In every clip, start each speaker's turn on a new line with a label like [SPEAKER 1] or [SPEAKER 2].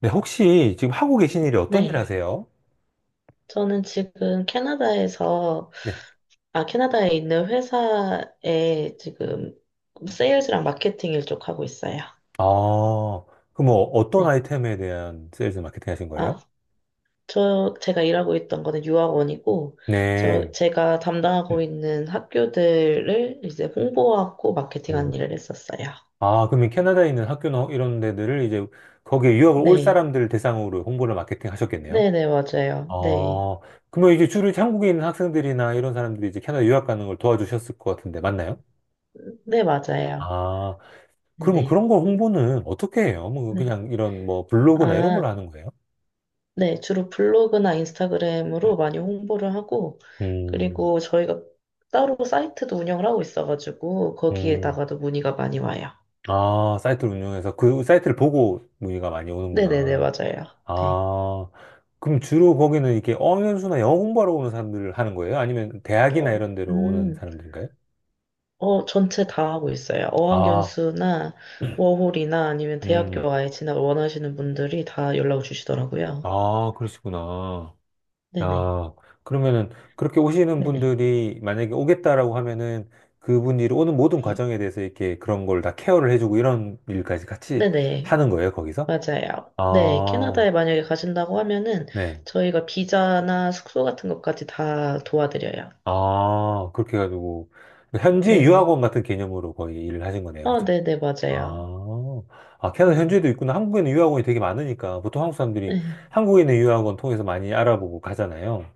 [SPEAKER 1] 네, 혹시 지금 하고 계신 일이 어떤 일
[SPEAKER 2] 네.
[SPEAKER 1] 하세요?
[SPEAKER 2] 저는 지금 캐나다에서,
[SPEAKER 1] 네.
[SPEAKER 2] 아, 캐나다에 있는 회사에 지금 세일즈랑 마케팅 일 쪽 하고 있어요.
[SPEAKER 1] 아, 그럼 뭐 어떤
[SPEAKER 2] 네.
[SPEAKER 1] 아이템에 대한 세일즈 마케팅 하신
[SPEAKER 2] 아,
[SPEAKER 1] 거예요?
[SPEAKER 2] 저, 제가 일하고 있던 거는 유학원이고, 저,
[SPEAKER 1] 네.
[SPEAKER 2] 제가 담당하고 있는 학교들을 이제 홍보하고 마케팅한
[SPEAKER 1] 음.
[SPEAKER 2] 일을 했었어요.
[SPEAKER 1] 아, 그러면 캐나다에 있는 학교나 이런 데들을 이제 거기에 유학을 올
[SPEAKER 2] 네.
[SPEAKER 1] 사람들 대상으로 홍보를 마케팅 하셨겠네요?
[SPEAKER 2] 네네,
[SPEAKER 1] 아,
[SPEAKER 2] 맞아요. 네.
[SPEAKER 1] 그러면 이제 주로 이제 한국에 있는 학생들이나 이런 사람들이 이제 캐나다 유학 가는 걸 도와주셨을 것 같은데, 맞나요?
[SPEAKER 2] 네, 맞아요.
[SPEAKER 1] 아, 그러면
[SPEAKER 2] 네.
[SPEAKER 1] 그런 거 홍보는 어떻게 해요? 뭐
[SPEAKER 2] 네.
[SPEAKER 1] 그냥 이런 뭐 블로그나 이런 걸로
[SPEAKER 2] 아,
[SPEAKER 1] 하는 거예요?
[SPEAKER 2] 네, 주로 블로그나 인스타그램으로 많이 홍보를 하고,
[SPEAKER 1] 음,
[SPEAKER 2] 그리고 저희가 따로 사이트도 운영을 하고 있어가지고,
[SPEAKER 1] 음.
[SPEAKER 2] 거기에다가도 문의가 많이 와요.
[SPEAKER 1] 아, 사이트를 운영해서 그 사이트를 보고 문의가 많이
[SPEAKER 2] 네네네,
[SPEAKER 1] 오는구나.
[SPEAKER 2] 맞아요. 네.
[SPEAKER 1] 아, 그럼 주로 거기는 이렇게 어연수나 영어 공부하러 오는 사람들을 하는 거예요? 아니면 대학이나
[SPEAKER 2] 어,
[SPEAKER 1] 이런 데로 오는
[SPEAKER 2] 음,
[SPEAKER 1] 사람들인가요?
[SPEAKER 2] 전체 다 하고 있어요.
[SPEAKER 1] 아,
[SPEAKER 2] 어학연수나 워홀이나 아니면
[SPEAKER 1] 음,
[SPEAKER 2] 대학교 아예 진학 원하시는 분들이 다 연락을 주시더라고요.
[SPEAKER 1] 아, 그러시구나.
[SPEAKER 2] 네네.
[SPEAKER 1] 아, 그러면은 그렇게 오시는
[SPEAKER 2] 네네.
[SPEAKER 1] 분들이 만약에 오겠다라고 하면은 그분들이 오는 모든
[SPEAKER 2] 네.
[SPEAKER 1] 과정에 대해서 이렇게 그런 걸 다 케어를 해주고 이런 일까지 같이
[SPEAKER 2] 네네.
[SPEAKER 1] 하는 거예요, 거기서?
[SPEAKER 2] 맞아요.
[SPEAKER 1] 아,
[SPEAKER 2] 네, 캐나다에 만약에 가신다고 하면은
[SPEAKER 1] 네.
[SPEAKER 2] 저희가 비자나 숙소 같은 것까지 다 도와드려요.
[SPEAKER 1] 아, 그렇게 해가지고, 현지
[SPEAKER 2] 네네.
[SPEAKER 1] 유학원 같은 개념으로 거의 일을 하신 거네요.
[SPEAKER 2] 아,
[SPEAKER 1] 그죠?
[SPEAKER 2] 네네,
[SPEAKER 1] 아,
[SPEAKER 2] 맞아요.
[SPEAKER 1] 아, 캐나다
[SPEAKER 2] 음,
[SPEAKER 1] 현지에도 있구나. 한국에는 유학원이 되게 많으니까, 보통 한국 사람들이
[SPEAKER 2] 네,
[SPEAKER 1] 한국에 있는 유학원 통해서 많이 알아보고 가잖아요.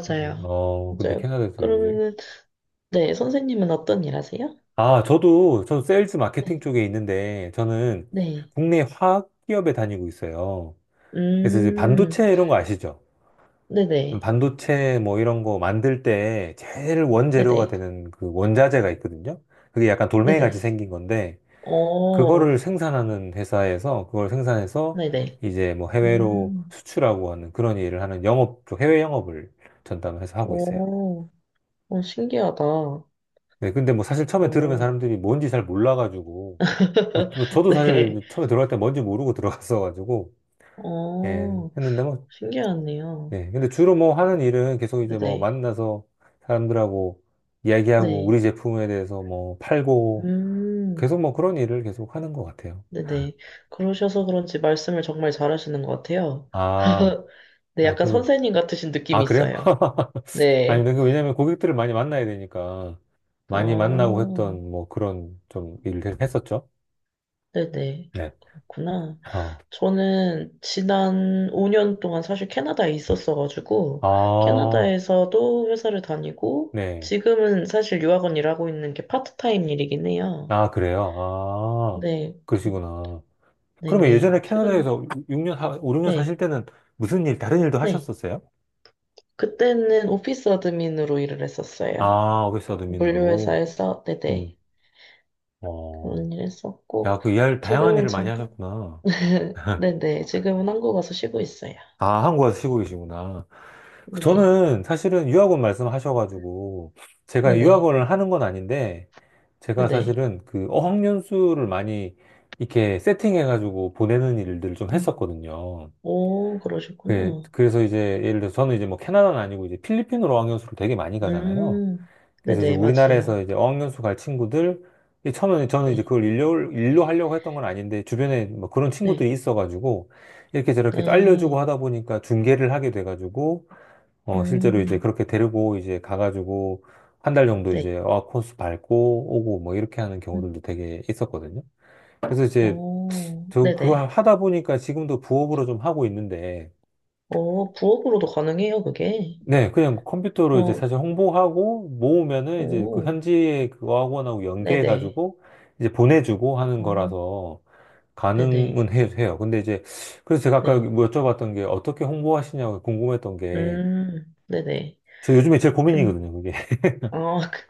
[SPEAKER 1] 근데, 어, 근데
[SPEAKER 2] 맞아요.
[SPEAKER 1] 캐나다에서 이제,
[SPEAKER 2] 그러면은, 네, 선생님은 어떤 일 하세요?
[SPEAKER 1] 아, 저도 세일즈 마케팅
[SPEAKER 2] 네,
[SPEAKER 1] 쪽에 있는데, 저는
[SPEAKER 2] 네.
[SPEAKER 1] 국내 화학 기업에 다니고 있어요. 그래서 이제
[SPEAKER 2] 음,
[SPEAKER 1] 반도체 이런 거 아시죠?
[SPEAKER 2] 네네,
[SPEAKER 1] 반도체 뭐 이런 거 만들 때 제일 원재료가
[SPEAKER 2] 네네,
[SPEAKER 1] 되는 그 원자재가 있거든요. 그게 약간 돌멩이 같이
[SPEAKER 2] 네네.
[SPEAKER 1] 생긴 건데
[SPEAKER 2] 오,
[SPEAKER 1] 그거를 생산하는 회사에서 그걸 생산해서
[SPEAKER 2] 네네.
[SPEAKER 1] 이제 뭐 해외로
[SPEAKER 2] 음,
[SPEAKER 1] 수출하고 하는 그런 일을 하는 영업 쪽 해외 영업을 전담해서 하고 있어요.
[SPEAKER 2] 오, 오 신기하다.
[SPEAKER 1] 네, 근데 뭐 사실 처음에 들으면
[SPEAKER 2] 오,
[SPEAKER 1] 사람들이 뭔지 잘 몰라가지고 뭐 저도
[SPEAKER 2] 네.
[SPEAKER 1] 사실 처음에 들어갈 때 뭔지 모르고 들어갔어가지고 예,
[SPEAKER 2] 오,
[SPEAKER 1] 했는데 뭐
[SPEAKER 2] 신기하네요.
[SPEAKER 1] 네. 근데 주로 뭐 하는 일은 계속 이제 뭐
[SPEAKER 2] 네네.
[SPEAKER 1] 만나서 사람들하고 이야기하고
[SPEAKER 2] 네.
[SPEAKER 1] 우리 제품에 대해서 뭐 팔고
[SPEAKER 2] 음,
[SPEAKER 1] 계속 뭐 그런 일을 계속 하는 것 같아요.
[SPEAKER 2] 네네. 그러셔서 그런지 말씀을 정말 잘하시는 것 같아요.
[SPEAKER 1] 아,
[SPEAKER 2] 네,
[SPEAKER 1] 아,
[SPEAKER 2] 약간
[SPEAKER 1] 그,
[SPEAKER 2] 선생님 같으신 느낌이
[SPEAKER 1] 아, 그래요?
[SPEAKER 2] 있어요.
[SPEAKER 1] 아니,
[SPEAKER 2] 네.
[SPEAKER 1] 근데 그 왜냐면 고객들을 많이 만나야 되니까 많이 만나고
[SPEAKER 2] 어,
[SPEAKER 1] 했던 뭐 그런 좀 일을 했었죠.
[SPEAKER 2] 네네.
[SPEAKER 1] 네.
[SPEAKER 2] 그렇구나.
[SPEAKER 1] 어.
[SPEAKER 2] 저는 지난 5년 동안 사실 캐나다에 있었어가지고,
[SPEAKER 1] 아,
[SPEAKER 2] 캐나다에서도 회사를 다니고,
[SPEAKER 1] 네.
[SPEAKER 2] 지금은 사실 유학원 일하고 있는 게 파트타임 일이긴 해요.
[SPEAKER 1] 아, 그래요? 아,
[SPEAKER 2] 네. 그-
[SPEAKER 1] 그러시구나. 그러면
[SPEAKER 2] 네네.
[SPEAKER 1] 예전에
[SPEAKER 2] 최근,
[SPEAKER 1] 캐나다에서 6년, 5, 6년 사실
[SPEAKER 2] 네.
[SPEAKER 1] 때는 무슨 일, 다른 일도
[SPEAKER 2] 네.
[SPEAKER 1] 하셨었어요?
[SPEAKER 2] 그때는 오피스 어드민으로 일을 했었어요.
[SPEAKER 1] 아, 어게스타 도민으로.
[SPEAKER 2] 물류회사에서, 네네.
[SPEAKER 1] 음. 어.
[SPEAKER 2] 그런 일 했었고,
[SPEAKER 1] 야, 그 이할 다양한
[SPEAKER 2] 지금은
[SPEAKER 1] 일을 많이
[SPEAKER 2] 잠깐,
[SPEAKER 1] 하셨구나.
[SPEAKER 2] 네네. 지금은 한국 와서 쉬고 있어요.
[SPEAKER 1] 아, 한국 와서 쉬고 계시구나. 그
[SPEAKER 2] 네네.
[SPEAKER 1] 저는 사실은 유학원 말씀하셔가지고 제가
[SPEAKER 2] 네네.
[SPEAKER 1] 유학원을 하는 건 아닌데 제가
[SPEAKER 2] 네네.
[SPEAKER 1] 사실은 그 어학연수를 많이 이렇게 세팅해가지고 보내는 일들을 좀
[SPEAKER 2] 음.
[SPEAKER 1] 했었거든요.
[SPEAKER 2] 오, 그러셨구나.
[SPEAKER 1] 그래서 이제 예를 들어서 저는 이제 뭐 캐나다는 아니고 이제 필리핀으로 어학연수를 되게 많이 가잖아요.
[SPEAKER 2] 음,
[SPEAKER 1] 그래서 이제
[SPEAKER 2] 네네. 맞아요.
[SPEAKER 1] 우리나라에서 이제 어학연수 갈 친구들, 이 처음에는 저는 이제
[SPEAKER 2] 네.
[SPEAKER 1] 그걸 일로 하려고 했던 건 아닌데, 주변에 뭐 그런 친구들이
[SPEAKER 2] 네.
[SPEAKER 1] 있어가지고, 이렇게 저렇게 또 알려주고
[SPEAKER 2] 네.
[SPEAKER 1] 하다 보니까 중계를 하게 돼가지고, 어, 실제로 이제
[SPEAKER 2] 음,
[SPEAKER 1] 그렇게 데리고 이제 가가지고, 한 달 정도 이제
[SPEAKER 2] 네.
[SPEAKER 1] 어학 코스 밟고 오고 뭐 이렇게 하는
[SPEAKER 2] 음.
[SPEAKER 1] 경우들도 되게 있었거든요. 그래서 이제
[SPEAKER 2] 오,
[SPEAKER 1] 저
[SPEAKER 2] 네네.
[SPEAKER 1] 그걸 하다 보니까 지금도 부업으로 좀 하고 있는데,
[SPEAKER 2] 오, 부업으로도 가능해요, 그게.
[SPEAKER 1] 네, 그냥 컴퓨터로 이제
[SPEAKER 2] 어,
[SPEAKER 1] 사실 홍보하고 모으면은 이제 그
[SPEAKER 2] 오,
[SPEAKER 1] 현지에 그 학원하고
[SPEAKER 2] 네네.
[SPEAKER 1] 연계해가지고 이제 보내주고 하는
[SPEAKER 2] 어,
[SPEAKER 1] 거라서
[SPEAKER 2] 네네.
[SPEAKER 1] 가능은 해요. 근데 이제 그래서 제가 아까
[SPEAKER 2] 네.
[SPEAKER 1] 뭐 여쭤봤던 게 어떻게 홍보하시냐고 궁금했던 게
[SPEAKER 2] 네네.
[SPEAKER 1] 저 요즘에 제일
[SPEAKER 2] 근,
[SPEAKER 1] 고민이거든요, 그게.
[SPEAKER 2] 아, 그-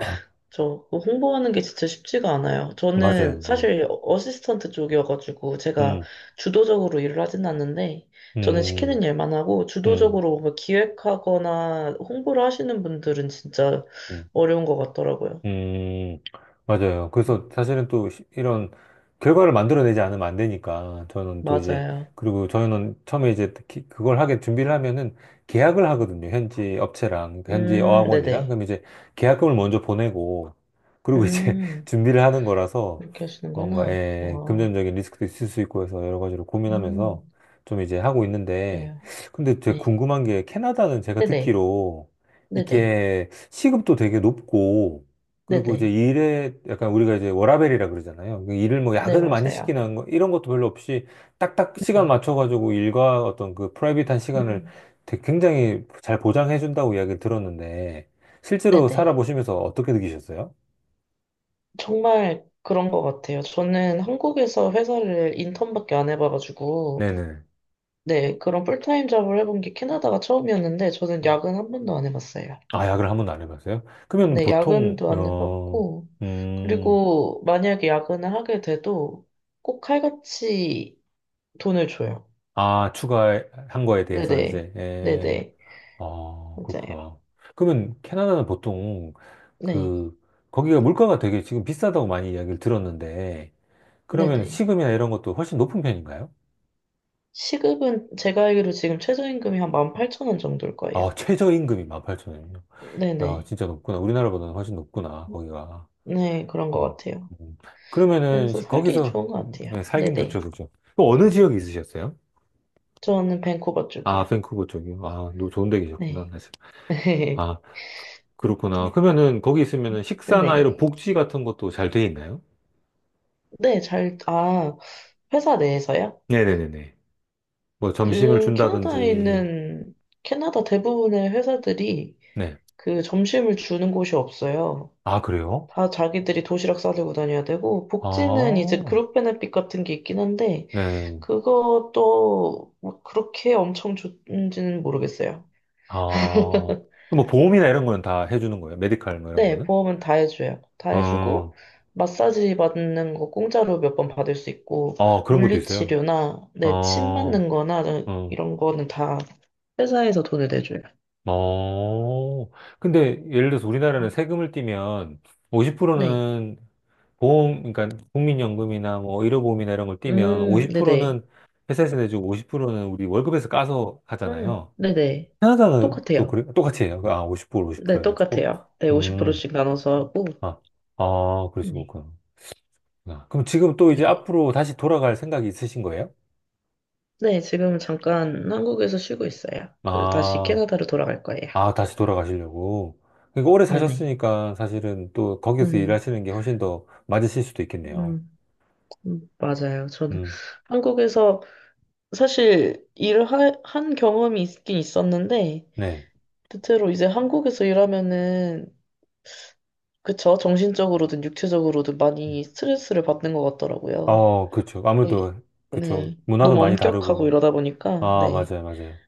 [SPEAKER 2] 저, 그거 홍보하는 게 진짜 쉽지가 않아요. 저는
[SPEAKER 1] 맞아요.
[SPEAKER 2] 사실 어시스턴트 쪽이어가지고 제가
[SPEAKER 1] 음,
[SPEAKER 2] 주도적으로 일을 하진 않는데 저는
[SPEAKER 1] 음,
[SPEAKER 2] 시키는 일만 하고
[SPEAKER 1] 음, 음.
[SPEAKER 2] 주도적으로 뭐 기획하거나 홍보를 하시는 분들은 진짜
[SPEAKER 1] 음.
[SPEAKER 2] 어려운 것 같더라고요.
[SPEAKER 1] 음, 맞아요. 그래서 사실은 또 이런 결과를 만들어내지 않으면 안 되니까 저는 또 이제
[SPEAKER 2] 맞아요.
[SPEAKER 1] 그리고 저는 처음에 이제 특히 그걸 하게 준비를 하면은 계약을 하거든요. 현지 업체랑 그러니까 현지 어학원이랑
[SPEAKER 2] 네네.
[SPEAKER 1] 그럼 이제 계약금을 먼저 보내고 그리고 이제
[SPEAKER 2] 음,
[SPEAKER 1] 준비를 하는 거라서
[SPEAKER 2] 그렇게
[SPEAKER 1] 뭔가
[SPEAKER 2] 하시는구나.
[SPEAKER 1] 예,
[SPEAKER 2] 와,
[SPEAKER 1] 금전적인 리스크도 있을 수 있고 해서 여러 가지로
[SPEAKER 2] 음,
[SPEAKER 1] 고민하면서 좀 이제 하고 있는데
[SPEAKER 2] 그래요.
[SPEAKER 1] 근데 제가
[SPEAKER 2] 네.
[SPEAKER 1] 궁금한 게 캐나다는 제가
[SPEAKER 2] 네네.
[SPEAKER 1] 듣기로
[SPEAKER 2] 네네.
[SPEAKER 1] 이렇게 시급도 되게 높고 그리고 이제
[SPEAKER 2] 네네.
[SPEAKER 1] 일에 약간 우리가 이제 워라밸이라 그러잖아요. 그 일을 뭐
[SPEAKER 2] 네,
[SPEAKER 1] 야근을 많이
[SPEAKER 2] 맞아요.
[SPEAKER 1] 시키는 거 이런 것도 별로 없이 딱딱 시간
[SPEAKER 2] 네네.
[SPEAKER 1] 맞춰가지고 일과 어떤 그 프라이빗한 시간을
[SPEAKER 2] 음.
[SPEAKER 1] 되게 굉장히 잘 보장해 준다고 이야기를 들었는데 실제로
[SPEAKER 2] 네네.
[SPEAKER 1] 살아보시면서 어떻게 느끼셨어요?
[SPEAKER 2] 정말 그런 것 같아요. 저는 한국에서 회사를 인턴밖에 안 해봐가지고,
[SPEAKER 1] 네네.
[SPEAKER 2] 네, 그런 풀타임 잡을 해본 게 캐나다가 처음이었는데, 저는 야근 한 번도 안 해봤어요.
[SPEAKER 1] 아, 야근을 한 번도 안 해봤어요? 그러면
[SPEAKER 2] 네,
[SPEAKER 1] 보통
[SPEAKER 2] 야근도 안
[SPEAKER 1] 어,
[SPEAKER 2] 해봤고,
[SPEAKER 1] 음,
[SPEAKER 2] 그리고 만약에 야근을 하게 돼도 꼭 칼같이 돈을 줘요.
[SPEAKER 1] 아, 추가한 거에 대해서
[SPEAKER 2] 네네,
[SPEAKER 1] 이제 에,
[SPEAKER 2] 네네,
[SPEAKER 1] 아,
[SPEAKER 2] 맞아요.
[SPEAKER 1] 그렇구나. 그러면 캐나다는 보통
[SPEAKER 2] 네,
[SPEAKER 1] 그, 거기가 물가가 되게 지금 비싸다고 많이 이야기를 들었는데, 그러면 시
[SPEAKER 2] 네네.
[SPEAKER 1] 금이나 이런 것도 훨씬 높은 편인가요?
[SPEAKER 2] 시급은 제가 알기로 지금 최저임금이 한 18,000원 정도일 거예요.
[SPEAKER 1] 아, 최저임금이 18,000원이요? 야,
[SPEAKER 2] 네네.
[SPEAKER 1] 진짜 높구나. 우리나라보다는 훨씬 높구나, 거기가.
[SPEAKER 2] 네, 그런 것
[SPEAKER 1] 음,
[SPEAKER 2] 같아요.
[SPEAKER 1] 음. 그러면은
[SPEAKER 2] 그래서 살기
[SPEAKER 1] 거기서
[SPEAKER 2] 좋은 것 같아요.
[SPEAKER 1] 네, 살긴 좋죠,
[SPEAKER 2] 네네.
[SPEAKER 1] 그죠? 또 어느 지역에 있으셨어요?
[SPEAKER 2] 저는 밴쿠버
[SPEAKER 1] 아,
[SPEAKER 2] 쪽이요.
[SPEAKER 1] 밴쿠버 쪽이요? 아, 너 좋은 데 계셨구나,
[SPEAKER 2] 네.
[SPEAKER 1] 사실. 아, 그- 그렇구나. 그러면은 거기 있으면은 식사나 이런
[SPEAKER 2] 네네.
[SPEAKER 1] 복지 같은 것도 잘 돼 있나요?
[SPEAKER 2] 네, 잘, 아, 회사 내에서요?
[SPEAKER 1] 네네네네. 뭐 점심을
[SPEAKER 2] 캐나다에
[SPEAKER 1] 준다든지,
[SPEAKER 2] 있는, 캐나다 대부분의 회사들이
[SPEAKER 1] 네.
[SPEAKER 2] 그 점심을 주는 곳이 없어요.
[SPEAKER 1] 아, 그래요?
[SPEAKER 2] 다 자기들이 도시락 싸들고 다녀야 되고, 복지는 이제
[SPEAKER 1] 아,
[SPEAKER 2] 그룹 베네핏 같은 게 있긴 한데,
[SPEAKER 1] 네.
[SPEAKER 2] 그것도 뭐 그렇게 엄청 좋은지는 모르겠어요.
[SPEAKER 1] 아, 뭐 보험이나 이런 거는 다 해주는 거예요. 메디칼 뭐 이런
[SPEAKER 2] 네,
[SPEAKER 1] 거는?
[SPEAKER 2] 보험은 다 해줘요. 다
[SPEAKER 1] 어,
[SPEAKER 2] 해주고, 마사지 받는 거 공짜로 몇 번 받을 수 있고,
[SPEAKER 1] 어, 그런 것도 있어요.
[SPEAKER 2] 물리치료나, 네, 침
[SPEAKER 1] 어,
[SPEAKER 2] 맞는 거나,
[SPEAKER 1] 어,
[SPEAKER 2] 이런 거는 다 회사에서 돈을 내줘요.
[SPEAKER 1] 어. 근데 예를 들어서 우리나라는 세금을 떼면
[SPEAKER 2] 네.
[SPEAKER 1] 50%는 보험, 그러니까 국민연금이나 뭐 의료보험이나 이런 걸 떼면
[SPEAKER 2] 네네.
[SPEAKER 1] 50%는 회사에서 내주고 50%는 우리 월급에서 까서 하잖아요.
[SPEAKER 2] 네네.
[SPEAKER 1] 캐나다는 또
[SPEAKER 2] 똑같아요.
[SPEAKER 1] 그래 똑같이 해요. 아, 50%
[SPEAKER 2] 네,
[SPEAKER 1] 50% 해가지고.
[SPEAKER 2] 똑같아요. 네,
[SPEAKER 1] 음,
[SPEAKER 2] 50%씩 나눠서 하고,
[SPEAKER 1] 아, 아, 그러시고
[SPEAKER 2] 네.
[SPEAKER 1] 그렇구나. 아, 그럼 지금 또 이제
[SPEAKER 2] 네.
[SPEAKER 1] 앞으로 다시 돌아갈 생각이 있으신 거예요?
[SPEAKER 2] 네, 지금 잠깐 한국에서 쉬고 있어요. 그리고 다시
[SPEAKER 1] 아,
[SPEAKER 2] 캐나다로 돌아갈 거예요.
[SPEAKER 1] 아, 다시 돌아가시려고. 그러니까 오래
[SPEAKER 2] 네네.
[SPEAKER 1] 사셨으니까 사실은 또 거기서
[SPEAKER 2] 음,
[SPEAKER 1] 일하시는 게 훨씬 더 맞으실 수도 있겠네요.
[SPEAKER 2] 음, 맞아요. 저는
[SPEAKER 1] 음,
[SPEAKER 2] 한국에서 사실 일을 하, 한 경험이 있긴 있었는데
[SPEAKER 1] 네.
[SPEAKER 2] 대체로 이제 한국에서 일하면은 그쵸 정신적으로든 육체적으로든 많이 스트레스를 받는 것 같더라고요.
[SPEAKER 1] 어, 그쵸.
[SPEAKER 2] 네,
[SPEAKER 1] 아무래도, 그쵸.
[SPEAKER 2] 네.
[SPEAKER 1] 문화도
[SPEAKER 2] 너무
[SPEAKER 1] 많이
[SPEAKER 2] 엄격하고
[SPEAKER 1] 다르고.
[SPEAKER 2] 이러다 보니까
[SPEAKER 1] 아,
[SPEAKER 2] 네.
[SPEAKER 1] 맞아요.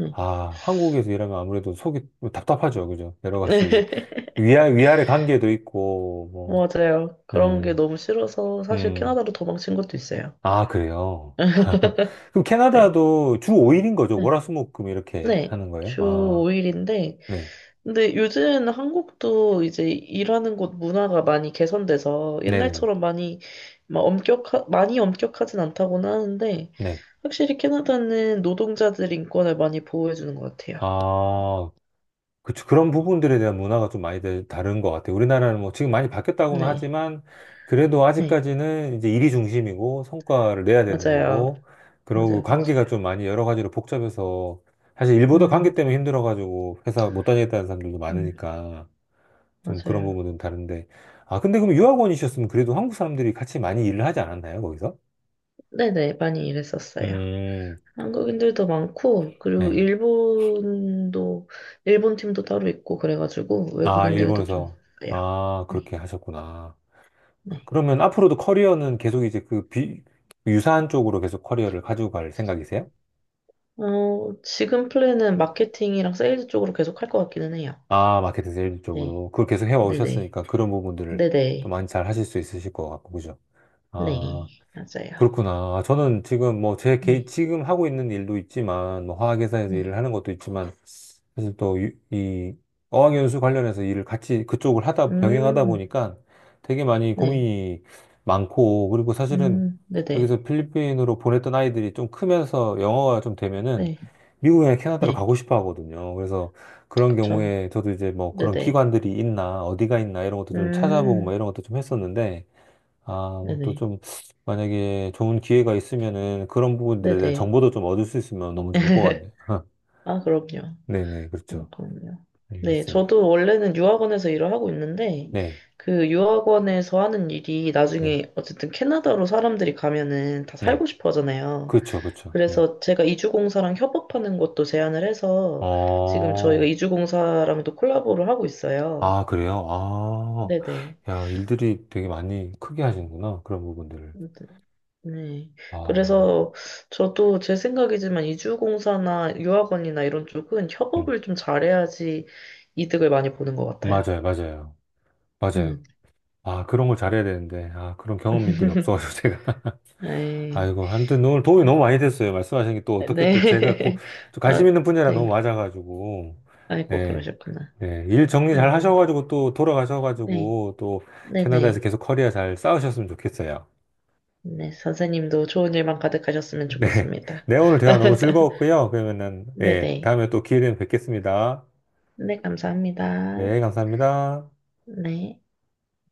[SPEAKER 2] 음.
[SPEAKER 1] 아, 한국에서 일하면 아무래도 속이 뭐 답답하죠. 그죠? 여러 가지 이제 위아래 관계도 있고, 뭐,
[SPEAKER 2] 맞아요. 그런
[SPEAKER 1] 예,
[SPEAKER 2] 게 너무 싫어서 사실
[SPEAKER 1] 음,
[SPEAKER 2] 캐나다로 도망친 것도 있어요.
[SPEAKER 1] 아, 그래요. 그럼
[SPEAKER 2] 네.
[SPEAKER 1] 캐나다도 주 5일인 거죠?
[SPEAKER 2] 네.
[SPEAKER 1] 월화수목금 이렇게
[SPEAKER 2] 네.
[SPEAKER 1] 하는 거예요?
[SPEAKER 2] 주
[SPEAKER 1] 아,
[SPEAKER 2] 5일인데
[SPEAKER 1] 네.
[SPEAKER 2] 근데 요즘 한국도 이제 일하는 곳 문화가 많이 개선돼서
[SPEAKER 1] 네네네.
[SPEAKER 2] 옛날처럼 많이 많이 엄격하진 않다고는 하는데
[SPEAKER 1] 네.
[SPEAKER 2] 확실히 캐나다는 노동자들 인권을 많이 보호해주는 것 같아요.
[SPEAKER 1] 아, 그쵸. 그런 부분들에 대한 문화가 좀 많이 다른 것 같아요. 우리나라는 뭐 지금 많이 바뀌었다고는
[SPEAKER 2] 네,
[SPEAKER 1] 하지만, 그래도
[SPEAKER 2] 네,
[SPEAKER 1] 아직까지는 이제 일이 중심이고, 성과를 내야 되는
[SPEAKER 2] 맞아요.
[SPEAKER 1] 거고, 그리고
[SPEAKER 2] 맞아요, 맞아요.
[SPEAKER 1] 관계가 좀 많이 여러 가지로 복잡해서, 사실 일보다 관계
[SPEAKER 2] 음,
[SPEAKER 1] 때문에 힘들어가지고 회사 못 다니겠다는 사람들도
[SPEAKER 2] 음,
[SPEAKER 1] 많으니까. 좀 그런
[SPEAKER 2] 맞아요.
[SPEAKER 1] 부분은 다른데. 아, 근데 그럼 유학원이셨으면 그래도 한국 사람들이 같이 많이 일을 하지 않았나요, 거기서?
[SPEAKER 2] 네네, 많이 일했었어요.
[SPEAKER 1] 음,
[SPEAKER 2] 한국인들도 많고, 그리고
[SPEAKER 1] 네.
[SPEAKER 2] 일본도, 일본 팀도 따로 있고, 그래가지고
[SPEAKER 1] 아,
[SPEAKER 2] 외국인들도 좀
[SPEAKER 1] 일본에서.
[SPEAKER 2] 있어요.
[SPEAKER 1] 아,
[SPEAKER 2] 네,
[SPEAKER 1] 그렇게 하셨구나.
[SPEAKER 2] 네.
[SPEAKER 1] 그러면 앞으로도 커리어는 계속 이제 그 유사한 쪽으로 계속 커리어를 가지고 갈 생각이세요?
[SPEAKER 2] 어, 지금 플랜은 마케팅이랑 세일즈 쪽으로 계속 할 것 같기는 해요.
[SPEAKER 1] 아, 마케팅 세일
[SPEAKER 2] 네.
[SPEAKER 1] 쪽으로. 그걸 계속
[SPEAKER 2] 네네.
[SPEAKER 1] 해오셨으니까 그런 부분들을 또
[SPEAKER 2] 네네.
[SPEAKER 1] 많이 잘 하실 수 있으실 것 같고, 그죠? 아,
[SPEAKER 2] 네. 맞아요.
[SPEAKER 1] 그렇구나. 저는 지금 뭐
[SPEAKER 2] 네.
[SPEAKER 1] 지금 하고 있는 일도 있지만, 뭐 화학회사에서
[SPEAKER 2] 네.
[SPEAKER 1] 일을 하는 것도 있지만, 그래서 또 이 어학연수 관련해서 일을 같이 그쪽을 하다 병행하다
[SPEAKER 2] 음,
[SPEAKER 1] 보니까 되게 많이
[SPEAKER 2] 네.
[SPEAKER 1] 고민이 많고 그리고 사실은 여기서
[SPEAKER 2] 네네.
[SPEAKER 1] 필리핀으로 보냈던 아이들이 좀 크면서 영어가 좀 되면은
[SPEAKER 2] 네.
[SPEAKER 1] 미국이나 캐나다로
[SPEAKER 2] 네.
[SPEAKER 1] 가고 싶어 하거든요. 그래서 그런
[SPEAKER 2] 그쵸.
[SPEAKER 1] 경우에 저도 이제 뭐 그런
[SPEAKER 2] 네네.
[SPEAKER 1] 기관들이 있나 어디가 있나 이런 것도 좀 찾아보고 막
[SPEAKER 2] 음,
[SPEAKER 1] 이런 것도 좀 했었는데 아, 뭐 또
[SPEAKER 2] 네네.
[SPEAKER 1] 좀 만약에 좋은 기회가 있으면은 그런 부분들에 대한
[SPEAKER 2] 네네.
[SPEAKER 1] 정보도 좀 얻을 수 있으면 너무 좋을 것 같네요.
[SPEAKER 2] 아, 그럼요.
[SPEAKER 1] 네네, 그렇죠.
[SPEAKER 2] 그럼요. 네.
[SPEAKER 1] 알겠습니다.
[SPEAKER 2] 저도 원래는 유학원에서 일을 하고 있는데,
[SPEAKER 1] 네,
[SPEAKER 2] 그 유학원에서 하는 일이
[SPEAKER 1] 네,
[SPEAKER 2] 나중에 어쨌든 캐나다로 사람들이 가면은 다
[SPEAKER 1] 네.
[SPEAKER 2] 살고 싶어 하잖아요.
[SPEAKER 1] 그쵸, 그쵸. 네.
[SPEAKER 2] 그래서 제가 이주공사랑 협업하는 것도 제안을 해서 지금 저희가
[SPEAKER 1] 어,
[SPEAKER 2] 이주공사랑도 콜라보를 하고 있어요.
[SPEAKER 1] 아, 그래요? 아,
[SPEAKER 2] 네네.
[SPEAKER 1] 야, 일들이 되게 많이 크게 하시는구나. 그런 부분들을.
[SPEAKER 2] 네.
[SPEAKER 1] 아,
[SPEAKER 2] 그래서 저도 제 생각이지만 이주공사나 유학원이나 이런 쪽은
[SPEAKER 1] 음,
[SPEAKER 2] 협업을 좀 잘해야지 이득을 많이 보는 것 같아요.
[SPEAKER 1] 맞아요. 맞아요.
[SPEAKER 2] 음.
[SPEAKER 1] 아, 그런 걸 잘해야 되는데. 아, 그런 경험들이 없어가지고 제가.
[SPEAKER 2] 네.
[SPEAKER 1] 아이고, 아무튼 오늘 도움이 너무 많이 됐어요. 말씀하신 게 또 어떻게 또
[SPEAKER 2] 네.
[SPEAKER 1] 좀 관심
[SPEAKER 2] 아,
[SPEAKER 1] 있는 분야라
[SPEAKER 2] 네.
[SPEAKER 1] 너무 맞아가지고.
[SPEAKER 2] 아이고,
[SPEAKER 1] 네.
[SPEAKER 2] 그러셨구나.
[SPEAKER 1] 네, 일 정리 잘
[SPEAKER 2] 네네.
[SPEAKER 1] 하셔가지고 또
[SPEAKER 2] 네.
[SPEAKER 1] 돌아가셔가지고 또 캐나다에서
[SPEAKER 2] 네네.
[SPEAKER 1] 계속 커리어 잘 쌓으셨으면 좋겠어요.
[SPEAKER 2] 네, 선생님도 좋은 일만 가득하셨으면
[SPEAKER 1] 네.
[SPEAKER 2] 좋겠습니다.
[SPEAKER 1] 네, 오늘 대화 너무 즐거웠고요. 그러면은, 예,
[SPEAKER 2] 네네.
[SPEAKER 1] 다음에 또 기회 되면 뵙겠습니다.
[SPEAKER 2] 네, 감사합니다.
[SPEAKER 1] 네, 감사합니다.
[SPEAKER 2] 네.